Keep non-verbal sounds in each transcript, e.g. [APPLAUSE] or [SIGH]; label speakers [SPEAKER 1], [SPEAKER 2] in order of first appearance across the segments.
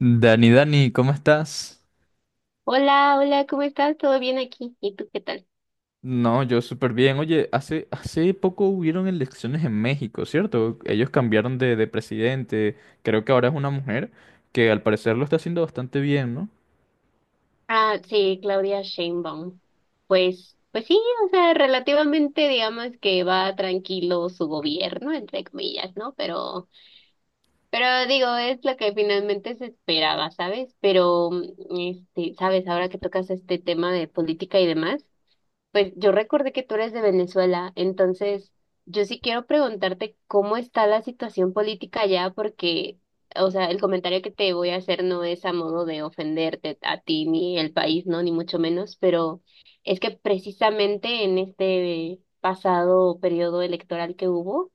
[SPEAKER 1] Dani, Dani, ¿cómo estás?
[SPEAKER 2] Hola, hola, ¿cómo estás? ¿Todo bien aquí? ¿Y tú qué tal?
[SPEAKER 1] No, yo súper bien. Oye, hace poco hubieron elecciones en México, ¿cierto? Ellos cambiaron de presidente. Creo que ahora es una mujer que al parecer lo está haciendo bastante bien, ¿no?
[SPEAKER 2] Ah, sí, Claudia Sheinbaum. Pues sí, o sea, relativamente digamos que va tranquilo su gobierno, entre comillas, ¿no? Pero digo, es lo que finalmente se esperaba, ¿sabes? Pero, este, ¿sabes? Ahora que tocas este tema de política y demás. Pues yo recordé que tú eres de Venezuela, entonces yo sí quiero preguntarte cómo está la situación política allá, porque, o sea, el comentario que te voy a hacer no es a modo de ofenderte a ti ni el país, ¿no? Ni mucho menos, pero es que precisamente en este pasado periodo electoral que hubo,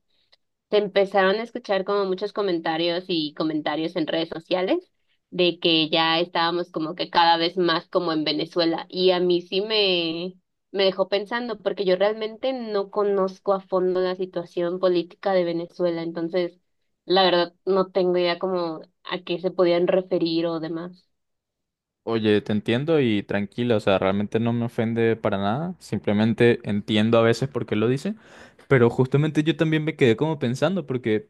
[SPEAKER 2] se empezaron a escuchar como muchos comentarios y comentarios en redes sociales de que ya estábamos como que cada vez más como en Venezuela y a mí sí me dejó pensando porque yo realmente no conozco a fondo la situación política de Venezuela, entonces la verdad no tengo idea como a qué se podían referir o demás.
[SPEAKER 1] Oye, te entiendo y tranquila, o sea, realmente no me ofende para nada. Simplemente entiendo a veces por qué lo dice. Pero justamente yo también me quedé como pensando, porque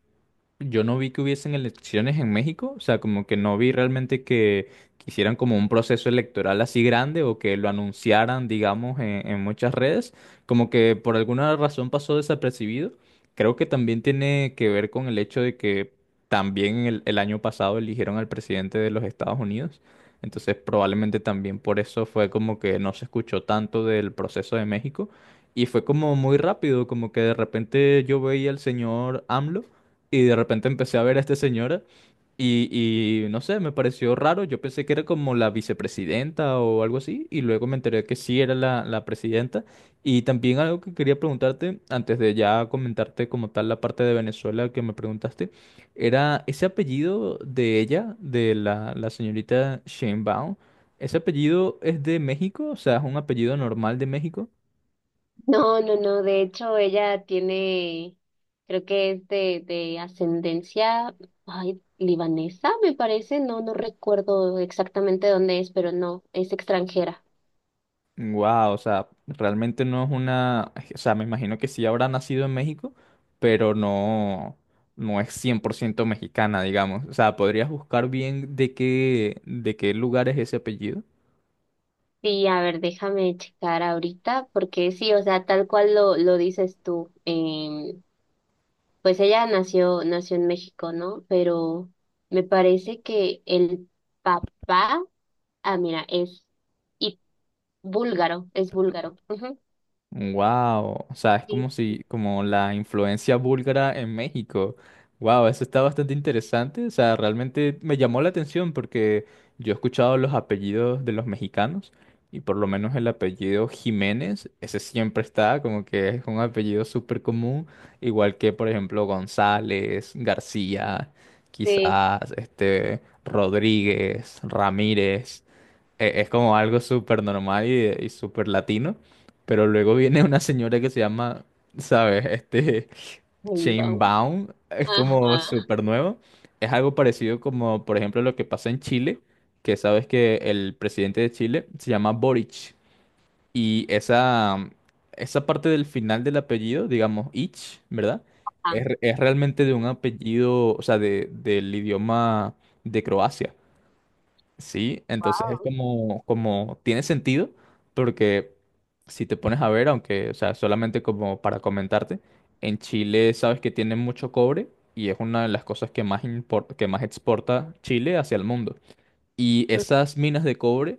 [SPEAKER 1] yo no vi que hubiesen elecciones en México, o sea, como que no vi realmente que hicieran como un proceso electoral así grande o que lo anunciaran, digamos, en muchas redes, como que por alguna razón pasó desapercibido. Creo que también tiene que ver con el hecho de que también el año pasado eligieron al presidente de los Estados Unidos, entonces probablemente también por eso fue como que no se escuchó tanto del proceso de México y fue como muy rápido, como que de repente yo veía al señor AMLO. Y de repente empecé a ver a esta señora y, no sé, me pareció raro. Yo pensé que era como la vicepresidenta o algo así y luego me enteré que sí era la presidenta. Y también algo que quería preguntarte, antes de ya comentarte como tal la parte de Venezuela que me preguntaste, era ese apellido de ella, de la señorita Sheinbaum, ¿ese apellido es de México? O sea, ¿es un apellido normal de México?
[SPEAKER 2] No, no, no, de hecho ella tiene, creo que es de ascendencia, ay, libanesa, me parece, no, no recuerdo exactamente dónde es, pero no, es extranjera.
[SPEAKER 1] Wow, o sea, realmente no es una, o sea, me imagino que sí habrá nacido en México, pero no, no es 100% mexicana, digamos. O sea, ¿podrías buscar bien de qué lugar es ese apellido?
[SPEAKER 2] Sí, a ver, déjame checar ahorita, porque sí, o sea, tal cual lo dices tú, pues ella nació en México, ¿no? Pero me parece que el papá, ah, mira, es y búlgaro, es búlgaro. Ujú.
[SPEAKER 1] Wow, o sea, es
[SPEAKER 2] Sí,
[SPEAKER 1] como si, como la influencia búlgara en México. Wow, eso está bastante interesante. O sea, realmente me llamó la atención porque yo he escuchado los apellidos de los mexicanos y por lo menos el apellido Jiménez, ese siempre está, como que es un apellido súper común, igual que por ejemplo González, García,
[SPEAKER 2] sí.
[SPEAKER 1] quizás, este, Rodríguez, Ramírez. Es como algo súper normal y súper latino, pero luego viene una señora que se llama, ¿sabes? Este, [LAUGHS] Baum, es como
[SPEAKER 2] Ajá.
[SPEAKER 1] súper nuevo. Es algo parecido como, por ejemplo, lo que pasa en Chile, que sabes que el presidente de Chile se llama Boric. Y esa parte del final del apellido, digamos, Ich, ¿verdad?
[SPEAKER 2] Ah,
[SPEAKER 1] Es realmente de un apellido, o sea, del idioma de Croacia. Sí, entonces es
[SPEAKER 2] wow.
[SPEAKER 1] como, como tiene sentido, porque si te pones a ver, aunque, o sea, solamente como para comentarte, en Chile sabes que tiene mucho cobre y es una de las cosas que más que más exporta Chile hacia el mundo. Y esas minas de cobre,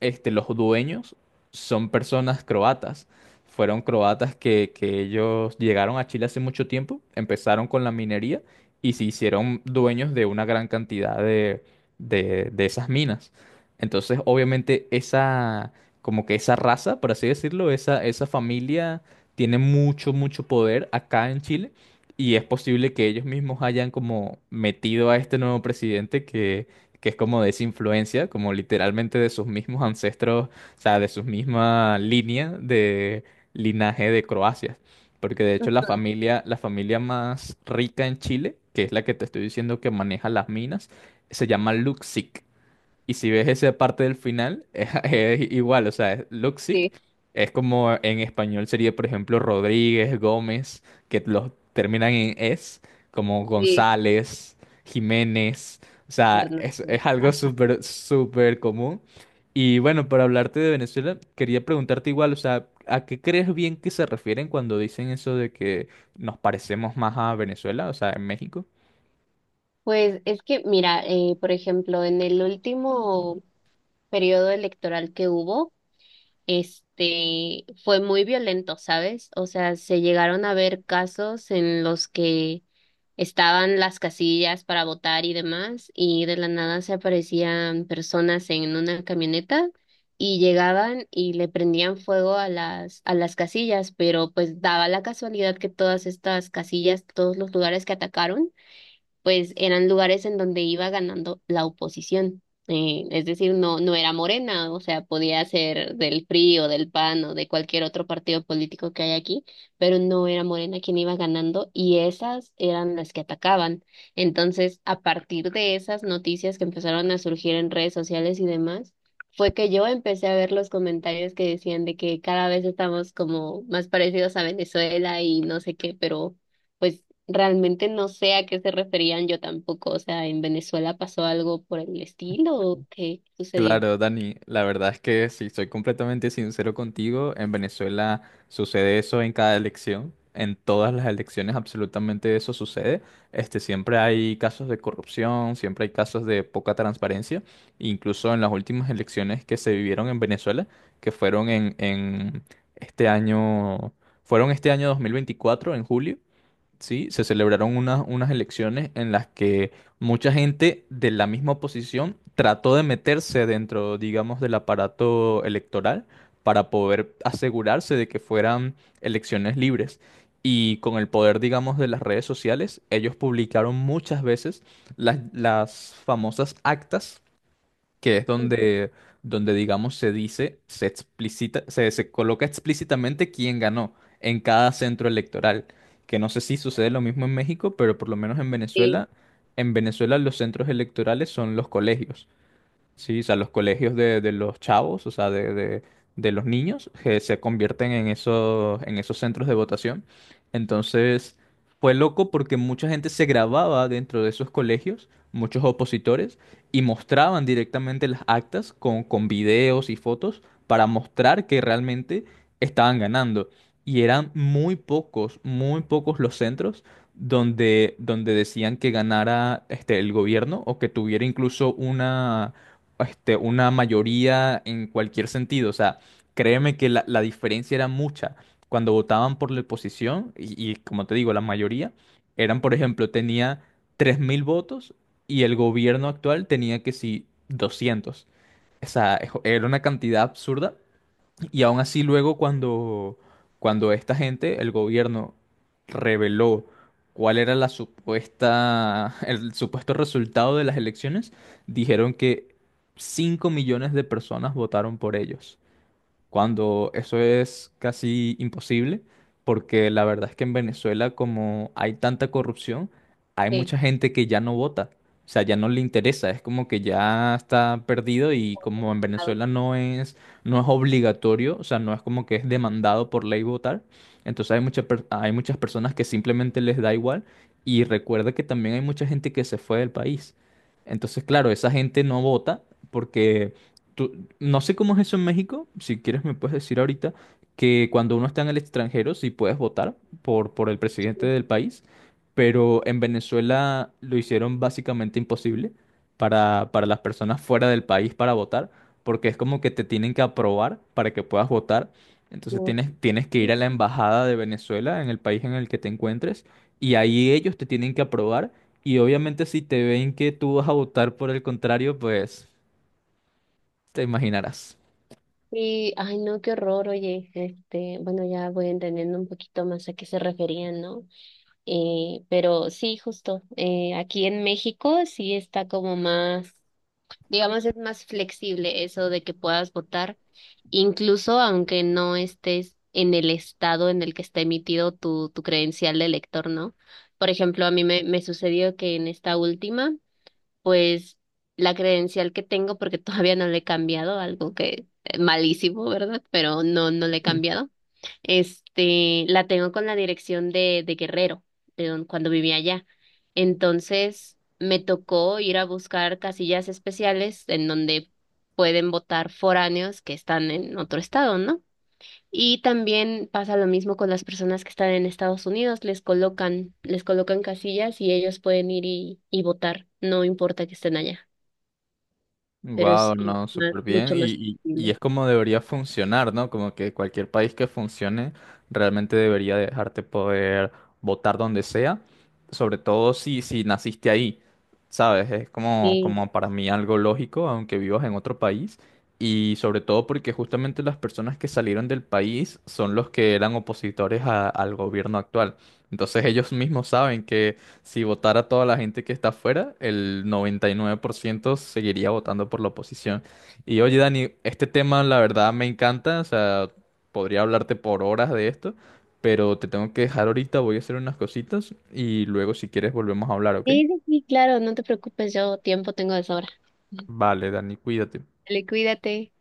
[SPEAKER 1] este, los dueños son personas croatas. Fueron croatas que ellos llegaron a Chile hace mucho tiempo, empezaron con la minería y se hicieron dueños de una gran cantidad de esas minas. Entonces, obviamente, como que esa raza, por así decirlo, esa familia tiene mucho, mucho poder acá en Chile. Y es posible que ellos mismos hayan como metido a este nuevo presidente que es como de esa influencia, como literalmente de sus mismos ancestros, o sea, de su misma línea de linaje de Croacia. Porque de hecho la familia más rica en Chile, que es la que te estoy diciendo que maneja las minas, se llama Luxic. Y si ves esa parte del final, [LAUGHS] es, igual, o sea, es Luxic,
[SPEAKER 2] Sí,
[SPEAKER 1] es como en español sería, por ejemplo, Rodríguez, Gómez, que los terminan en es, como
[SPEAKER 2] sí,
[SPEAKER 1] González, Jiménez, o sea,
[SPEAKER 2] Hernández.
[SPEAKER 1] es algo súper, súper común. Y bueno, para hablarte de Venezuela, quería preguntarte igual, o sea, ¿a qué crees bien que se refieren cuando dicen eso de que nos parecemos más a Venezuela, o sea, en México?
[SPEAKER 2] Pues es que, mira, por ejemplo, en el último periodo electoral que hubo, este, fue muy violento, ¿sabes? O sea, se llegaron a ver casos en los que estaban las casillas para votar y demás, y de la nada se aparecían personas en una camioneta y llegaban y le prendían fuego a las casillas, pero pues daba la casualidad que todas estas casillas, todos los lugares que atacaron, pues eran lugares en donde iba ganando la oposición. Es decir, no, no era Morena, o sea, podía ser del PRI o del PAN o de cualquier otro partido político que hay aquí, pero no era Morena quien iba ganando y esas eran las que atacaban. Entonces, a partir de esas noticias que empezaron a surgir en redes sociales y demás, fue que yo empecé a ver los comentarios que decían de que cada vez estamos como más parecidos a Venezuela y no sé qué, pero pues realmente no sé a qué se referían yo tampoco. O sea, ¿en Venezuela pasó algo por el estilo o qué sucedió?
[SPEAKER 1] Claro, Dani, la verdad es que si soy completamente sincero contigo, en Venezuela sucede eso en cada elección, en todas las elecciones absolutamente eso sucede. Este, siempre hay casos de corrupción, siempre hay casos de poca transparencia, incluso en las últimas elecciones que se vivieron en Venezuela, que fueron en este año, fueron este año 2024 en julio. ¿Sí? Se celebraron unas elecciones en las que mucha gente de la misma oposición trató de meterse dentro, digamos, del aparato electoral para poder asegurarse de que fueran elecciones libres. Y con el poder, digamos, de las redes sociales, ellos publicaron muchas veces las famosas actas que es donde, donde digamos, se dice, se explicita, se coloca explícitamente quién ganó en cada centro electoral. Que no sé si sucede lo mismo en México, pero por lo menos
[SPEAKER 2] Sí,
[SPEAKER 1] En Venezuela los centros electorales son los colegios. Sí, o sea, los colegios de los chavos, o sea, de los niños, que se convierten en esos centros de votación. Entonces, fue loco porque mucha gente se grababa dentro de esos colegios, muchos opositores, y mostraban directamente las actas con videos y fotos para mostrar que realmente estaban ganando. Y eran muy pocos los centros donde decían que ganara este, el gobierno o que tuviera incluso una, este, una mayoría en cualquier sentido. O sea, créeme que la diferencia era mucha. Cuando votaban por la oposición, y, como te digo, la mayoría, eran, por ejemplo, tenía 3000 votos y el gobierno actual tenía que sí 200. O sea, ejo- era una cantidad absurda y aún así luego cuando esta gente, el gobierno, reveló cuál era la supuesta, el supuesto resultado de las elecciones, dijeron que 5 millones de personas votaron por ellos cuando eso es casi imposible, porque la verdad es que en Venezuela, como hay tanta corrupción, hay
[SPEAKER 2] sí.
[SPEAKER 1] mucha gente que ya no vota, o sea, ya no le interesa, es como que ya está perdido y como en
[SPEAKER 2] Ah,
[SPEAKER 1] Venezuela no es obligatorio, o sea, no es como que es demandado por ley votar, entonces hay mucha per- hay muchas personas que simplemente les da igual y recuerda que también hay mucha gente que se fue del país. Entonces, claro, esa gente no vota porque tú- no sé cómo es eso en México, si quieres me puedes decir ahorita que cuando uno está en el extranjero sí puedes votar por el presidente del país, pero en Venezuela lo hicieron básicamente imposible para las personas fuera del país para votar, porque es como que te tienen que aprobar para que puedas votar, entonces
[SPEAKER 2] no.
[SPEAKER 1] tienes que ir
[SPEAKER 2] Sí,
[SPEAKER 1] a la embajada de Venezuela en el país en el que te encuentres y ahí ellos te tienen que aprobar y obviamente si te ven que tú vas a votar por el contrario, pues te imaginarás.
[SPEAKER 2] sí, ay no, qué horror, oye, este, bueno, ya voy entendiendo un poquito más a qué se referían, ¿no? Pero sí, justo, aquí en México sí está como más, digamos, es más flexible eso de que puedas votar, incluso aunque no estés en el estado en el que está emitido tu credencial de elector, ¿no? Por ejemplo, a mí me sucedió que en esta última, pues la credencial que tengo, porque [LAUGHS] todavía no le he cambiado, algo que malísimo, ¿verdad? Pero no, no le he cambiado este, la tengo con la dirección de Guerrero, de don- cuando vivía allá. Entonces, me tocó ir a buscar casillas especiales en donde pueden votar foráneos que están en otro estado, ¿no? Y también pasa lo mismo con las personas que están en Estados Unidos, les colocan casillas y ellos pueden ir y votar, no importa que estén allá, pero es
[SPEAKER 1] Wow, no,
[SPEAKER 2] más-
[SPEAKER 1] súper bien.
[SPEAKER 2] mucho más
[SPEAKER 1] Y,
[SPEAKER 2] flexible.
[SPEAKER 1] es como debería funcionar, ¿no? Como que cualquier país que funcione realmente debería dejarte poder votar donde sea, sobre todo si, naciste ahí, ¿sabes? Es como,
[SPEAKER 2] Sí,
[SPEAKER 1] como para mí algo lógico, aunque vivas en otro país. Y sobre todo porque justamente las personas que salieron del país son los que eran opositores al gobierno actual. Entonces ellos mismos saben. Si votara toda la gente que está afuera, el 99% seguiría votando por la oposición. Y oye, Dani, este tema la verdad me encanta, o sea, podría hablarte por horas de esto, pero te tengo que dejar ahorita, voy a hacer unas cositas y luego si quieres volvemos a hablar, ¿ok?
[SPEAKER 2] sí, sí, sí, claro, no te preocupes, yo tiempo tengo de sobra.
[SPEAKER 1] Vale, Dani, cuídate.
[SPEAKER 2] Dale, cuídate.